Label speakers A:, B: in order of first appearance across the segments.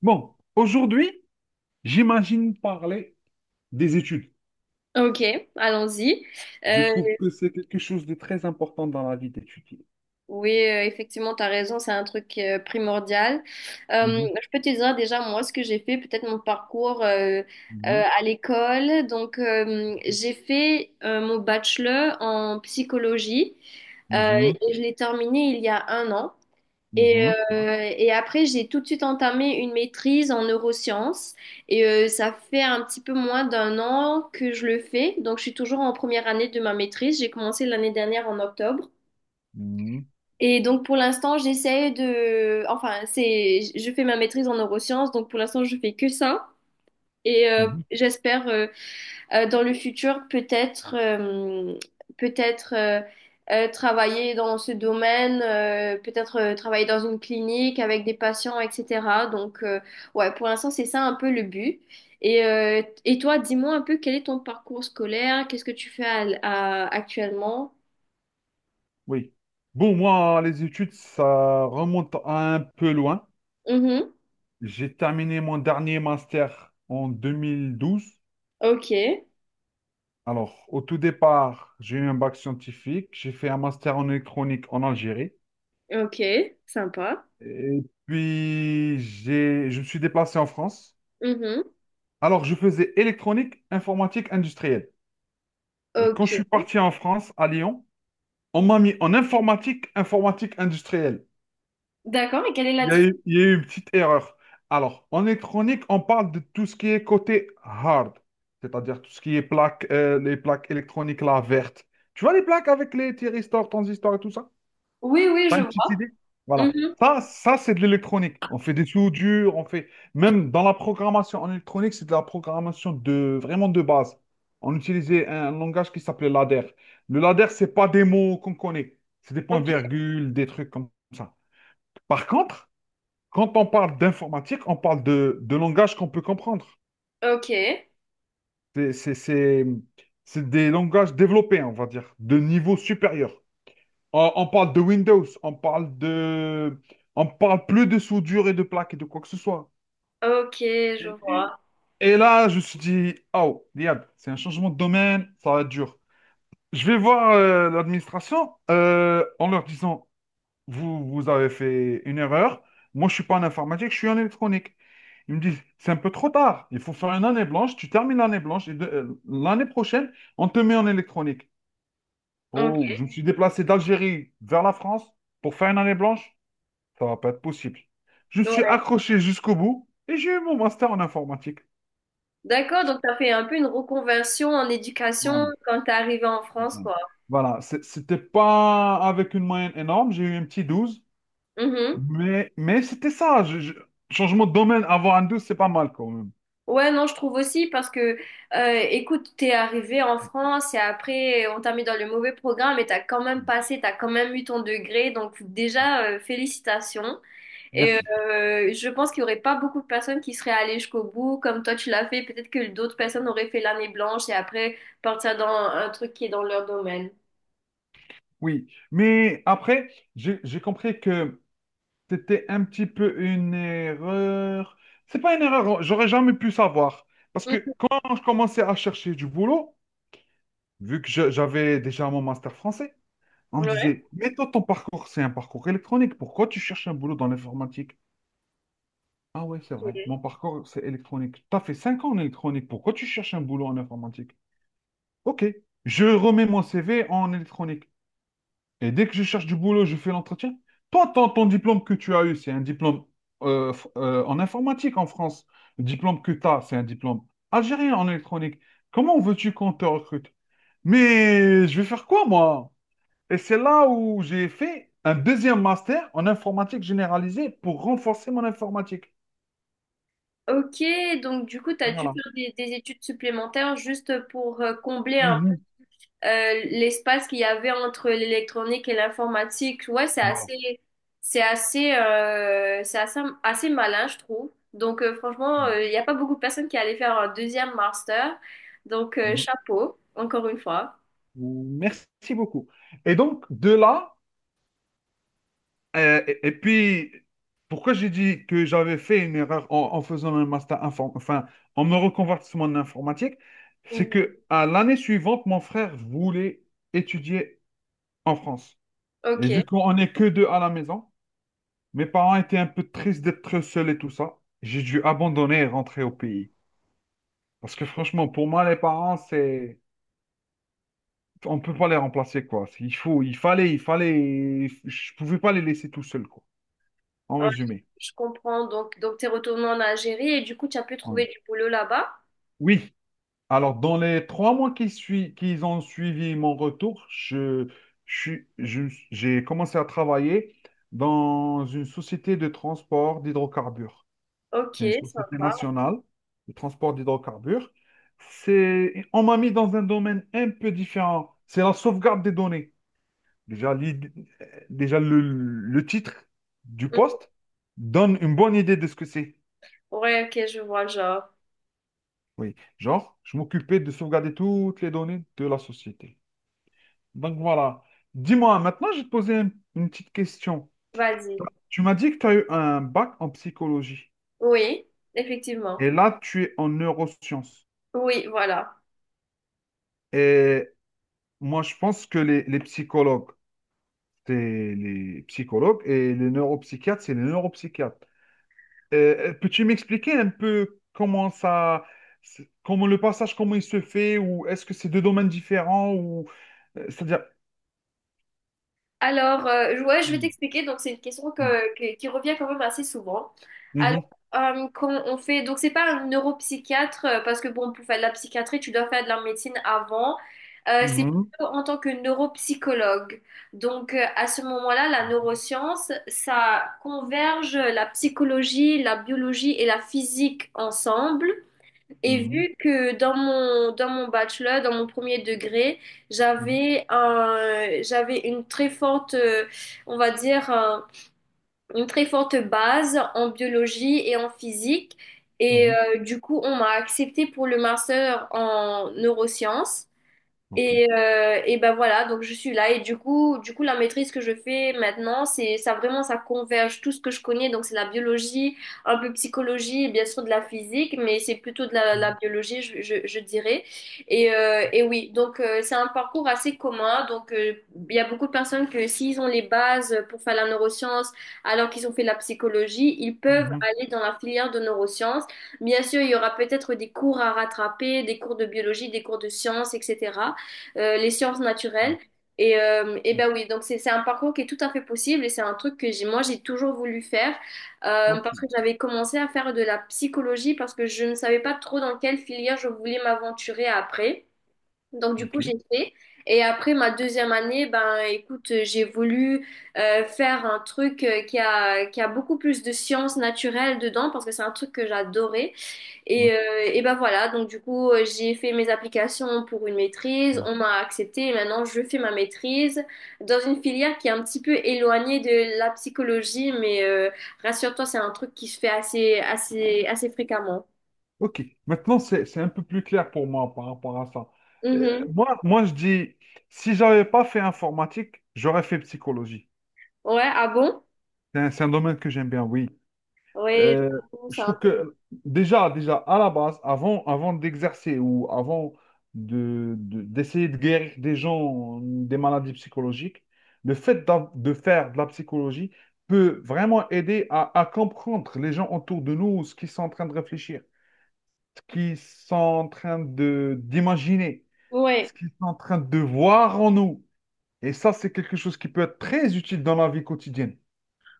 A: Bon, aujourd'hui, j'imagine parler des études.
B: Ok, allons-y.
A: Je
B: Euh,
A: trouve que c'est quelque chose de très important dans la vie d'étudier.
B: oui, effectivement, tu as raison, c'est un truc primordial.
A: Mhm,
B: Je peux te dire déjà, moi, ce que j'ai fait, peut-être mon parcours
A: mhm,
B: à l'école. Donc, j'ai fait mon bachelor en psychologie,
A: mhm,
B: et je l'ai terminé il y a un an. Et,
A: mhm,
B: et après, j'ai tout de suite entamé une maîtrise en neurosciences. Et ça fait un petit peu moins d'un an que je le fais. Donc, je suis toujours en première année de ma maîtrise. J'ai commencé l'année dernière en octobre.
A: mhm,
B: Et donc, pour l'instant, je fais ma maîtrise en neurosciences. Donc, pour l'instant, je fais que ça. Et
A: mhm.
B: j'espère dans le futur, peut-être peut-être travailler dans ce domaine, peut-être travailler dans une clinique avec des patients, etc. Donc, ouais, pour l'instant, c'est ça un peu le but. Et toi, dis-moi un peu quel est ton parcours scolaire, qu'est-ce que tu fais actuellement?
A: Oui. Bon, moi, les études, ça remonte à un peu loin.
B: Mhm.
A: J'ai terminé mon dernier master en 2012.
B: Ok,
A: Alors, au tout départ, j'ai eu un bac scientifique. J'ai fait un master en électronique en Algérie.
B: ok, sympa.
A: Et puis, je me suis déplacé en France.
B: Mhm.
A: Alors, je faisais électronique, informatique, industrielle. Et quand je suis
B: Ok.
A: parti en France, à Lyon, on m'a mis en informatique, informatique, industrielle.
B: D'accord, et quelle est la
A: Il y a
B: différence?
A: eu, il y a eu une petite erreur. Alors, en électronique, on parle de tout ce qui est côté hard, c'est-à-dire tout ce qui est plaques, les plaques électroniques là, vertes. Tu vois les plaques avec les thyristors, transistors et tout ça?
B: Oui, oui,
A: T'as
B: je
A: une petite
B: vois.
A: idée? Voilà.
B: Mhm.
A: Ça c'est de l'électronique. On fait des tuyaux durs, on fait. Même dans la programmation en électronique, c'est de la programmation vraiment de base. On utilisait un langage qui s'appelait ladder. Le ladder, c'est pas des mots qu'on connaît. C'est des
B: Ok,
A: points-virgules, des trucs comme ça. Par contre, quand on parle d'informatique, on parle de langage qu'on peut comprendre.
B: ok,
A: C'est c'est- c'est- c'est des langages développés, on va dire, de niveau supérieur. On parle de Windows, on parle. On parle plus de soudure et de plaques et de quoi que ce soit.
B: ok, je
A: Et
B: vois.
A: et là, je me suis dit, oh, diable, c'est un changement de domaine, ça va être dur. Je vais voir l'administration en leur disant, vous, vous avez fait une erreur. Moi, je suis pas en informatique, je suis en électronique. Ils me disent, c'est un peu trop tard. Il faut faire une année blanche. Tu termines l'année blanche et l'année prochaine, on te met en électronique. Oh,
B: Ok.
A: je me suis déplacé d'Algérie vers la France pour faire une année blanche. Ça va pas être possible. Je suis accroché jusqu'au bout et j'ai eu mon master en informatique.
B: D'accord, donc t'as fait un peu une reconversion en éducation
A: Voilà.
B: quand t'es arrivé en France,
A: Voilà.
B: quoi.
A: Voilà, c'était pas avec une moyenne énorme, j'ai eu un petit 12,
B: Mhm.
A: mais c'était ça. Changement de domaine, avoir un 12, c'est pas mal quand même.
B: Ouais, non, je trouve aussi parce que, écoute, t'es arrivé en France et après, on t'a mis dans le mauvais programme et t'as quand même passé, t'as quand même eu ton degré. Donc déjà, félicitations. Et
A: Merci.
B: je pense qu'il y aurait pas beaucoup de personnes qui seraient allées jusqu'au bout comme toi tu l'as fait. Peut-être que d'autres personnes auraient fait l'année blanche et après partir dans un truc qui est dans leur domaine.
A: Oui, mais après, j'ai compris que c'était un petit peu une erreur. C'est pas une erreur, j'aurais jamais pu savoir. Parce
B: Mhm.
A: que quand je commençais à chercher du boulot, vu que j'avais déjà mon master français, on me disait, mais toi, ton parcours, c'est un parcours électronique. Pourquoi tu cherches un boulot dans l'informatique? Ah ouais, c'est vrai.
B: Ouais.
A: Mon parcours, c'est électronique. T'as fait 5 ans en électronique. Pourquoi tu cherches un boulot en informatique? Ok. Je remets mon CV en électronique. Et dès que je cherche du boulot, je fais l'entretien. Toi, ton diplôme que tu as eu, c'est un diplôme en informatique en France. Le diplôme que tu as, c'est un diplôme algérien en électronique. Comment veux-tu qu'on te recrute? Mais je vais faire quoi, moi? Et c'est là où j'ai fait un deuxième master en informatique généralisée pour renforcer mon informatique.
B: Ok, donc du coup, tu as dû
A: Voilà.
B: faire des études supplémentaires juste pour combler un peu
A: Mhm.
B: l'espace qu'il y avait entre l'électronique et l'informatique. Ouais,
A: Voilà.
B: c'est assez, assez malin, je trouve. Donc franchement, il n'y a pas beaucoup de personnes qui allaient faire un 2e master. Donc
A: Mhm.
B: chapeau, encore une fois.
A: Merci beaucoup. Et donc, de là, et puis, pourquoi j'ai dit que j'avais fait une erreur en faisant un master enfin, en me reconvertissant en informatique, c'est
B: Mhm.
A: que à l'année suivante, mon frère voulait étudier en France.
B: Ok,
A: Et vu qu'on n'est que deux à la maison, mes parents étaient un peu tristes d'être seuls et tout ça. J'ai dû abandonner et rentrer au pays. Parce que franchement, pour moi, les parents, c'est. On peut pas les remplacer, quoi. Il faut, il fallait. Je pouvais pas les laisser tout seuls, quoi. En
B: ouais,
A: résumé.
B: je comprends. Donc tu es retourné en Algérie et du coup, tu as pu
A: Voilà.
B: trouver du boulot là-bas.
A: Oui. Alors, dans les 3 mois qui ont suivi mon retour, j'ai commencé à travailler dans une société de transport d'hydrocarbures.
B: Ok,
A: C'est une société
B: sympa.
A: nationale de transport d'hydrocarbures. C'est, on m'a mis dans un domaine un peu différent. C'est la sauvegarde des données. Déjà, l'id- déjà, le titre du
B: Mhm.
A: poste donne une bonne idée de ce que c'est.
B: Ouais, ok, je vois le genre.
A: Oui, genre, je m'occupais de sauvegarder toutes les données de la société. Donc voilà. Dis-moi, maintenant, je vais te poser une petite question.
B: Vas-y.
A: Tu m'as dit que tu as eu un bac en psychologie
B: Oui, effectivement.
A: et là, tu es en neurosciences.
B: Oui, voilà.
A: Et moi, je pense que les psychologues, c'est les psychologues et les neuropsychiatres, c'est les neuropsychiatres. Peux-tu m'expliquer un peu comment ça, comment le passage, comment il se fait, ou est-ce que c'est deux domaines différents, ou c'est-à-dire.
B: Alors, ouais, je vais
A: Mhm,
B: t'expliquer. Donc, c'est une question qui revient quand même assez souvent.
A: mhm,
B: Alors, Donc, c'est pas un neuropsychiatre, parce que bon, pour faire de la psychiatrie, tu dois faire de la médecine avant. C'est
A: mhm,
B: plutôt en tant que neuropsychologue. Donc, à ce moment-là, la neuroscience, ça converge la psychologie, la biologie et la physique ensemble. Et
A: mhm,
B: vu que dans mon bachelor, dans mon premier degré,
A: mhm,
B: j'avais une très forte, on va dire, une très forte base en biologie et en physique. Et
A: mhm.
B: du coup, on m'a acceptée pour le master en neurosciences.
A: Ok.
B: Et ben voilà, donc je suis là. Et du coup, la maîtrise que je fais maintenant, c'est ça vraiment, ça converge tout ce que je connais. Donc c'est la biologie, un peu psychologie et bien sûr de la physique, mais c'est plutôt de la
A: Mhm,
B: biologie, je dirais. Et oui, donc c'est un parcours assez commun. Donc il y a beaucoup de personnes que s'ils ont les bases pour faire la neuroscience, alors qu'ils ont fait la psychologie, ils peuvent
A: mhm,
B: aller dans la filière de neurosciences. Bien sûr, il y aura peut-être des cours à rattraper, des cours de biologie, des cours de sciences, etc., les sciences naturelles. Et
A: mhm.
B: ben oui, donc c'est un parcours qui est tout à fait possible et c'est un truc que j'ai, moi j'ai toujours voulu faire
A: Ok.
B: parce que j'avais commencé à faire de la psychologie parce que je ne savais pas trop dans quelle filière je voulais m'aventurer après. Donc du
A: Ok.
B: coup j'ai fait. Et après ma 2e année, ben écoute, j'ai voulu faire un truc qui a beaucoup plus de sciences naturelles dedans parce que c'est un truc que j'adorais. Et,
A: Oui.
B: euh, et ben voilà, donc du coup, j'ai fait mes applications pour une maîtrise, on m'a accepté et maintenant je fais ma maîtrise dans une filière qui est un petit peu éloignée de la psychologie, mais rassure-toi, c'est un truc qui se fait assez, assez, assez fréquemment.
A: Ok, maintenant c'est un peu plus clair pour moi par rapport à ça. Euh,
B: Mhm.
A: moi, moi, je dis, si j'avais pas fait informatique, j'aurais fait psychologie.
B: Ouais, ah bon?
A: C'est un domaine que j'aime bien, oui.
B: Ouais,
A: Euh,
B: j'avoue,
A: je
B: c'est un
A: trouve
B: truc.
A: que déjà, à la base, avant d'exercer ou avant de- d'essayer de guérir des gens des maladies psychologiques, le fait de faire de la psychologie peut vraiment aider à comprendre les gens autour de nous, ce qu'ils sont en train de réfléchir. Ce qu'ils sont en train de d'imaginer,
B: Ouais.
A: ce qu'ils sont en train de voir en nous. Et ça, c'est quelque chose qui peut être très utile dans la vie quotidienne.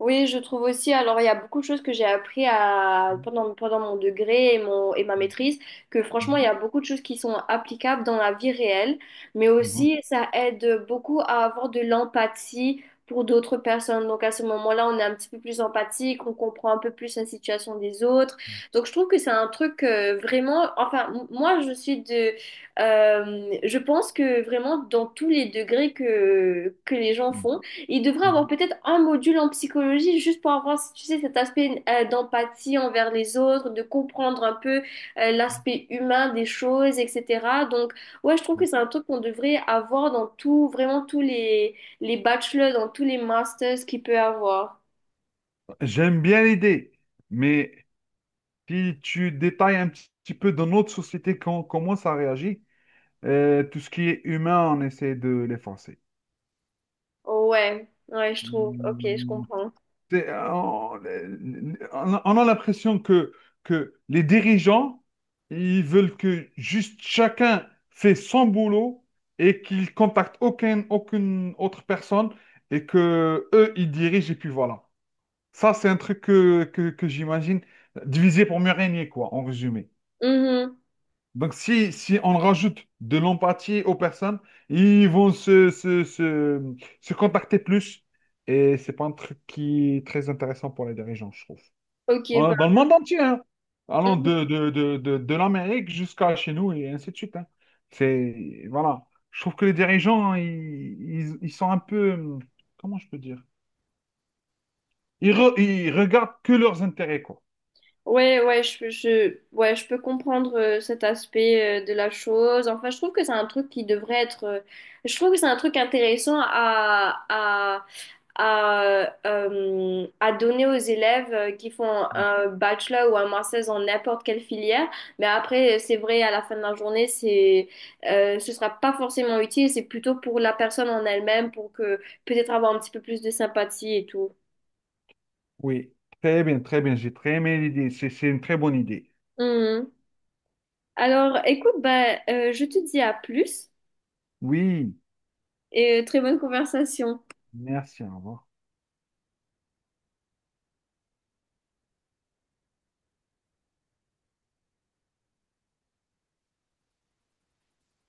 B: Oui, je trouve aussi. Alors, il y a beaucoup de choses que j'ai appris pendant mon degré et ma
A: Mhm,
B: maîtrise, que franchement, il y a beaucoup de choses qui sont applicables dans la vie réelle, mais
A: mhm,
B: aussi ça aide beaucoup à avoir de l'empathie pour d'autres personnes. Donc, à ce moment-là, on est un petit peu plus empathique, on comprend un peu plus la situation des autres. Donc, je trouve que c'est un truc vraiment. Enfin, moi, je suis de. Je pense que vraiment, dans tous les degrés que les gens
A: mhm,
B: font, il devrait avoir
A: mhm.
B: peut-être un module en psychologie juste pour avoir, si tu sais, cet aspect d'empathie envers les autres, de comprendre un peu l'aspect humain des choses, etc. Donc, ouais, je trouve que c'est un truc qu'on devrait avoir dans tout, vraiment tous les bachelors, dans tous les masters qu'il peut avoir.
A: J'aime bien l'idée, mais si tu détailles un petit petit peu dans notre société quand, comment ça réagit, tout ce qui est humain, on essaie de l'effacer.
B: Ouais, ouais, je trouve. Ok, je
A: Hmm.
B: comprends.
A: C'est- euh, on, on a l'impression que les dirigeants, ils veulent que juste chacun fait son boulot et qu'ils contactent aucun, aucune autre personne et que eux, ils dirigent et puis voilà. Ça, c'est un truc que j'imagine diviser pour mieux régner, quoi, en résumé.
B: Mhm.
A: Donc, si on rajoute de l'empathie aux personnes, ils vont se contacter plus. Et c'est pas un truc qui est très intéressant pour les dirigeants, je trouve.
B: Ok, bah.
A: Dans le monde entier, hein. Allant de l'Amérique jusqu'à chez nous et ainsi de suite. Hein. C'est, voilà. Je trouve que les dirigeants, hein, ils sont un peu, comment je peux dire? Ils regardent que leurs intérêts, quoi.
B: Ouais, ouais, ouais, je peux comprendre cet aspect de la chose. Enfin, je trouve que c'est un truc qui devrait être. Je trouve que c'est un truc intéressant à donner aux élèves qui font un bachelor ou un master en n'importe quelle filière. Mais après, c'est vrai, à la fin de la journée, ce sera pas forcément utile. C'est plutôt pour la personne en elle-même, pour que peut-être avoir un petit peu plus de sympathie et tout.
A: Oui, très bien, très bien. J'ai très aimé l'idée. C'est une très bonne idée.
B: Alors, écoute, bah, je te dis à plus
A: Oui.
B: et très bonne conversation.
A: Merci, au revoir.